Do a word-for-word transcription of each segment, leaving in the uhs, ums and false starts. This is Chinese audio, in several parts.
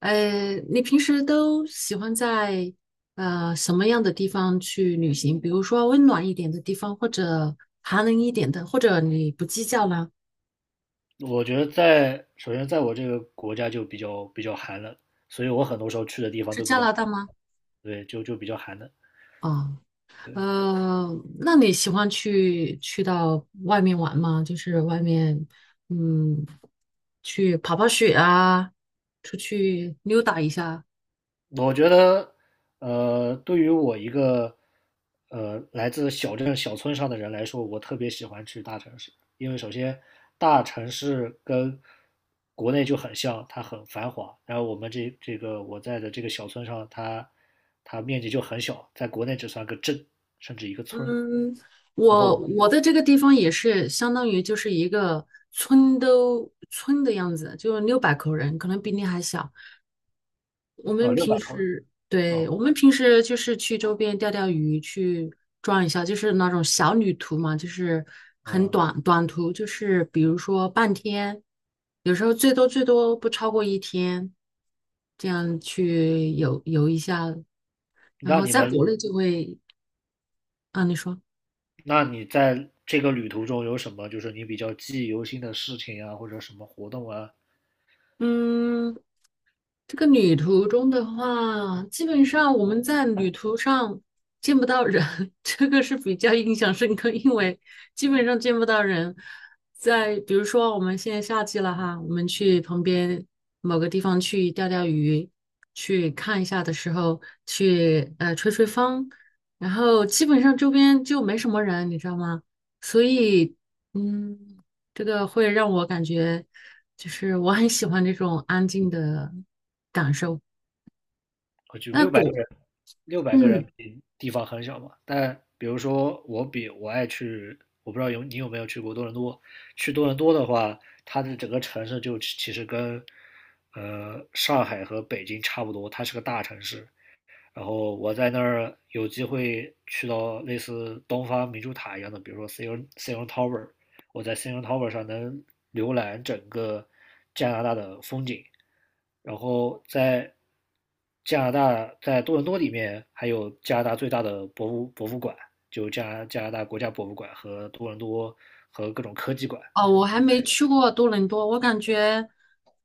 呃，你平时都喜欢在呃什么样的地方去旅行？比如说温暖一点的地方，或者寒冷一点的，或者你不计较呢？我觉得在首先在我这个国家就比较比较寒冷，所以我很多时候去的地方是都比加较拿寒。大吗？对，就就比较寒冷。啊，对，呃，那你喜欢去去到外面玩吗？就是外面，嗯，去跑跑雪啊，出去溜达一下。我觉得，呃，对于我一个呃来自小镇小村上的人来说，我特别喜欢去大城市。因为首先大城市跟国内就很像，它很繁华。然后我们这这个我在的这个小村上，它它面积就很小，在国内只算个镇，甚至一个村。嗯，然我后我的这个地方也是相当于就是一个村都村的样子，就六百口人，可能比你还小。我呃们六百平口人。时，对，我哦，们平时就是去周边钓钓鱼，去转一下，就是那种小旅途嘛，就是很嗯，短短途，就是比如说半天，有时候最多最多不超过一天，这样去游游一下，然那后你在国们，内就会，啊，你说。那你在这个旅途中有什么就是你比较记忆犹新的事情啊，或者什么活动啊？嗯，这个旅途中的话，基本上我们在旅途上见不到人，这个是比较印象深刻，因为基本上见不到人。在比如说我们现在夏季了哈，我们去旁边某个地方去钓钓鱼，去看一下的时候，去呃吹吹风，然后基本上周边就没什么人，你知道吗？所以嗯，这个会让我感觉就是我很喜欢这种安静的。感受。我就那六百个国，人，六百个人嗯，比地方很小嘛。但比如说我比我爱去，我不知道有你有没有去过多伦多。去多伦多的话，它的整个城市就其其实跟呃上海和北京差不多，它是个大城市。然后我在那儿有机会去到类似东方明珠塔一样的，比如说 CN C N Tower。我在 C N Tower 上能浏览整个加拿大的风景。然后在加拿大，在多伦多里面还有加拿大最大的博物博物馆，就加加拿大国家博物馆和多伦多和各种科技馆。哦，我还没去过多伦多，我感觉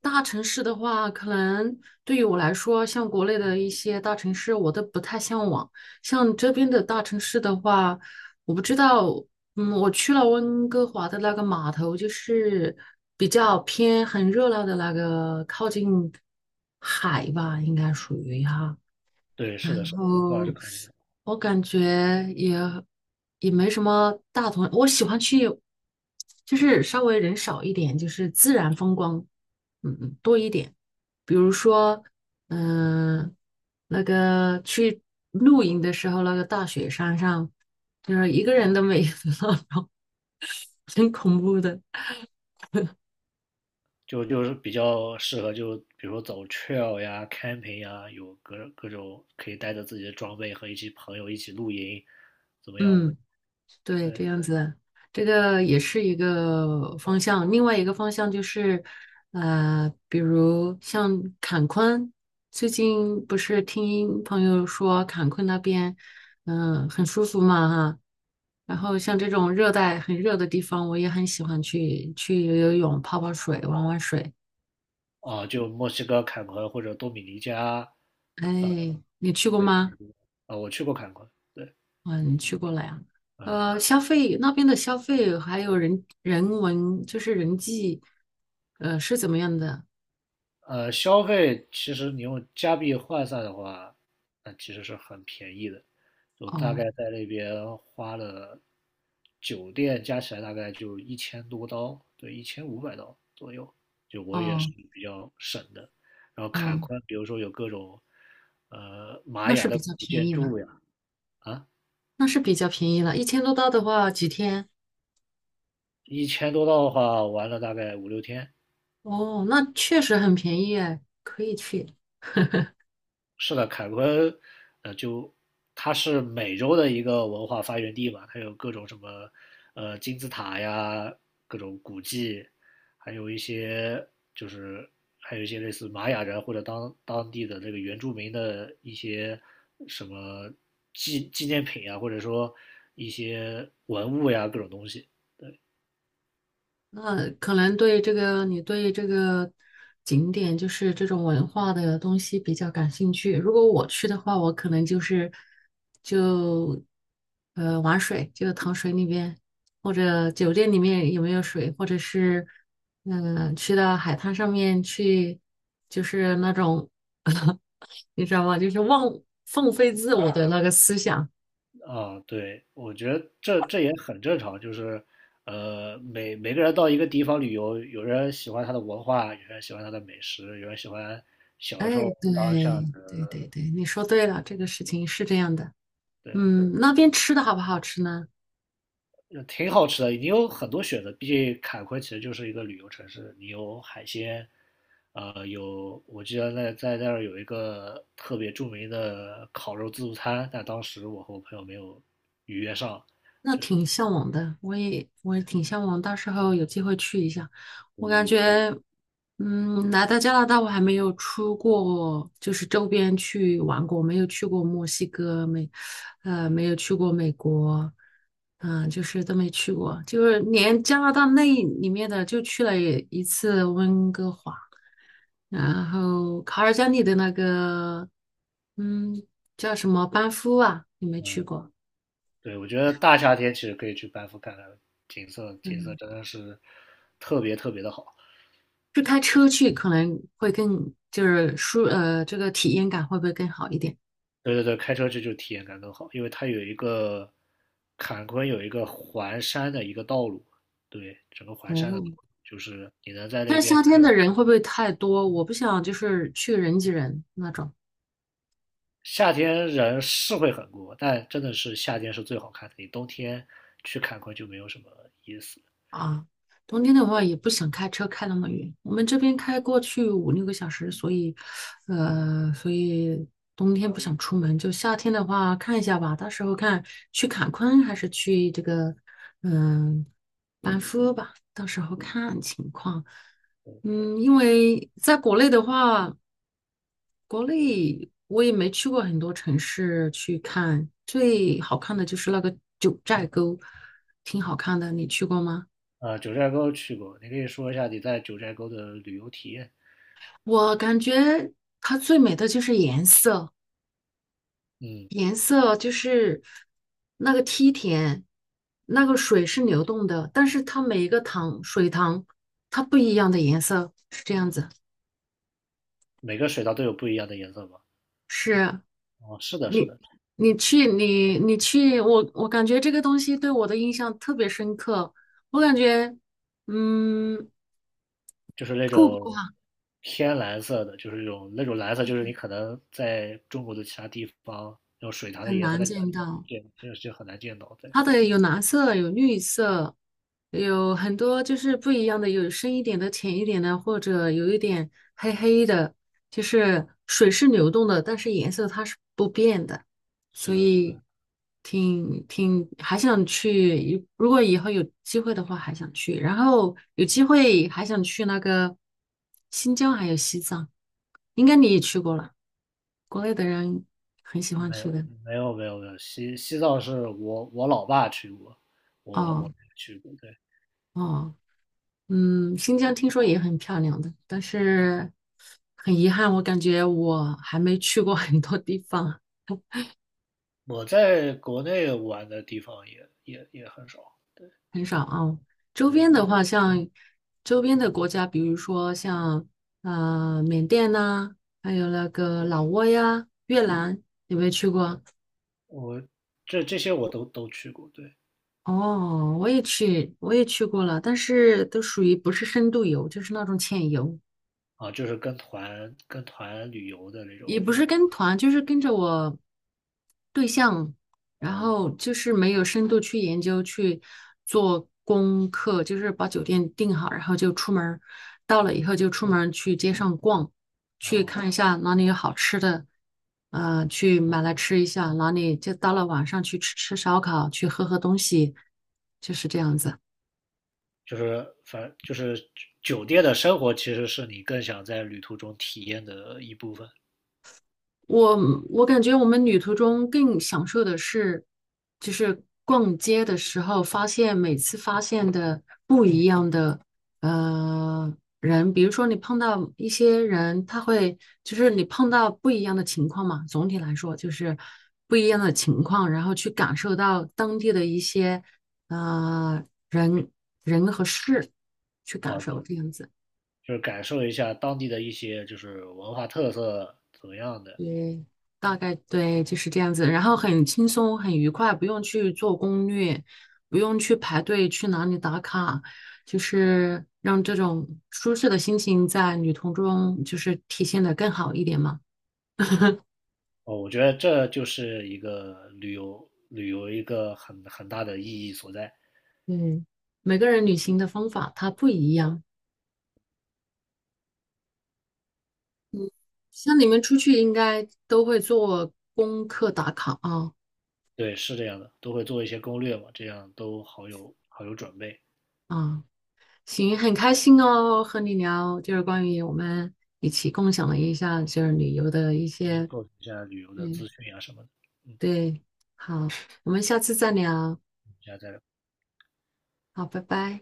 大城市的话，可能对于我来说，像国内的一些大城市，我都不太向往。像这边的大城市的话，我不知道，嗯，我去了温哥华的那个码头，就是比较偏很热闹的那个，靠近海吧，应该属于哈。对，是然的，是的，温哥华是后科技。我感觉也也没什么大同，我喜欢去就是稍微人少一点，就是自然风光，嗯嗯多一点。比如说，嗯、那个去露营的时候，那个大雪山上，就是一个人都没有，很恐怖的。就就是比较适合就比如说走 trail 呀、camping 呀，有各各种可以带着自己的装备和一些朋友一起露营，怎么样的？嗯。对，对这样子，这个也是一个方向。另外一个方向就是，呃，比如像坎昆，最近不是听朋友说坎昆那边，嗯、很舒服嘛哈。然后像这种热带很热的地方，我也很喜欢去去游游泳、泡泡水、玩玩水。啊，就墨西哥坎昆或者多米尼加。哎，你去过对吗？啊，我去过坎昆，对，嗯，你去过了呀？嗯。呃，消费那边的消费还有人人文，就是人际，呃，是怎么样的？呃，消费其实你用加币换算的话，那其实是很便宜的。我大哦概在那边花了酒店加起来大概就一千多刀，对，一千五百刀左右。就我也是哦比较省的。然后坎哦，昆，比如说有各种呃玛那雅是比的较古便建宜了，筑呀。啊，那是比较便宜了，一千多刀的话几天？一千多刀的话玩了大概五六天。哦，那确实很便宜哎，可以去。是的，凯昆，呃，就它是美洲的一个文化发源地嘛。它有各种什么，呃，金字塔呀，各种古迹。还有一些就是还有一些类似玛雅人或者当当地的这个原住民的一些什么纪纪念品啊，或者说一些文物呀，各种东西。那可能对这个，你对这个景点就是这种文化的东西比较感兴趣。如果我去的话，我可能就是就呃玩水，就躺水里面，或者酒店里面有没有水，或者是嗯、呃去到海滩上面去，就是那种 你知道吗？就是忘放飞自我的那个思想。啊，对，我觉得这这也很正常。就是，呃，每每个人到一个地方旅游，有人喜欢它的文化，有人喜欢它的美食，有人喜欢哎，小时候当巷对对子。对对，你说对了，这个事情是这样的。对，嗯，那边吃的好不好吃呢？呃挺好吃的。你有很多选择，毕竟坎昆其实就是一个旅游城市，你有海鲜。呃，有我记得在在那儿有一个特别著名的烤肉自助餐，但当时我和我朋友没有预约上。那是挺向往的，我也我也挺向往，到时候有机会去一下。我感觉，嗯，来到加拿大，我还没有出过，就是周边去玩过，没有去过墨西哥，没，呃，没有去过美国，嗯、就是都没去过，就是连加拿大那里面的就去了一次温哥华，然后卡尔加里的那个，嗯，叫什么班夫啊，你没去过？对，我觉得大夏天其实可以去班夫看看景色，景色嗯，真的是特别特别的好。就开车去可能会更就是舒呃，这个体验感会不会更好一点？对对对，开车去就体验感更好。因为它有一个坎昆有一个环山的一个道路。对，整个环山的道哦，路就是你能在那但是边夏天看。的人会不会太多？我不想就是去人挤人那种。夏天人是会很多，但真的是夏天是最好看的，你冬天去坎昆就没有什么意思。啊，冬天的话也不想开车开那么远，我们这边开过去五六个小时，所以，呃，所以冬天不想出门，就夏天的话看一下吧，到时候看去坎昆还是去这个，嗯、班夫吧，到时候看情况。嗯，因为在国内的话，国内我也没去过很多城市去看，最好看的就是那个九寨沟，挺好看的，你去过吗？呃，九寨沟去过，你可以说一下你在九寨沟的旅游体验。我感觉它最美的就是颜色，嗯，颜色就是那个梯田，那个水是流动的，但是它每一个塘水塘它不一样的颜色是这样子。每个水道都有不一样的颜色吧？是哦，是的，是你的，你去你你去，我我感觉这个东西对我的印象特别深刻。我感觉嗯，就是那瀑种布啊偏蓝色的，就是那种那种蓝色，就是你可能在中国的其他地方，那种水塘的很颜色，难在家见里面到。见，就是就很难见到。对，它的有蓝色，有绿色，有很多就是不一样的，有深一点的、浅一点的，或者有一点黑黑的，就是水是流动的，但是颜色它是不变的，是所的，是以的，挺挺还想去，如果以后有机会的话还想去，然后有机会还想去那个新疆还有西藏，应该你也去过了，国内的人很喜欢没去有，的。没有，没有，没有。西西藏是我我老爸去过，我我哦没去过。对，哦。嗯，新疆听说也很漂亮的，但是很遗憾，我感觉我还没去过 很多地方，我在国内玩的地方也也也很少，很少啊。周边的话，像周边的国家，比如说像呃缅甸呐、还有那个老挝呀、越南，有没有去过？这这些我都都去过。对，哦，我也去，我也去过了，但是都属于不是深度游，就是那种浅游。啊，就是跟团跟团旅游的那也不种。是跟团，就是跟着我对象，然哦后就是没有深度去研究去做功课，就是把酒店订好，然后就出门儿到了以后就出门儿去街上逛，去哦。看一下哪里有好吃的，呃，去买来吃一下，哪里就到了晚上去吃吃烧烤，去喝喝东西，就是这样子。就是反就是酒店的生活其实是你更想在旅途中体验的一部分我我感觉我们旅途中更享受的是，就是逛街的时候发现每次发现的不一样的呃人，比如说你碰到一些人，他会就是你碰到不一样的情况嘛，总体来说就是不一样的情况，然后去感受到当地的一些呃人人和事，去啊，感受这样子。就是感受一下当地的一些就是文化特色怎么样的。对，大概对，就是这样子。然后很轻松，很愉快，不用去做攻略，不用去排队去哪里打卡，就是让这种舒适的心情在旅途中就是体现的更好一点嘛。哦，我觉得这就是一个旅游旅游一个很很大的意义所在。嗯，每个人旅行的方法它不一样，像你们出去应该都会做功课打卡啊对，是这样的，都会做一些攻略嘛，这样都好有好有准备，啊，行，很开心哦，和你聊，就是关于我们一起共享了一下就是旅游的一进行些构成一下旅游的嗯资讯啊什么的。嗯，对，好，我们下次再聊，下次再聊。好，拜拜。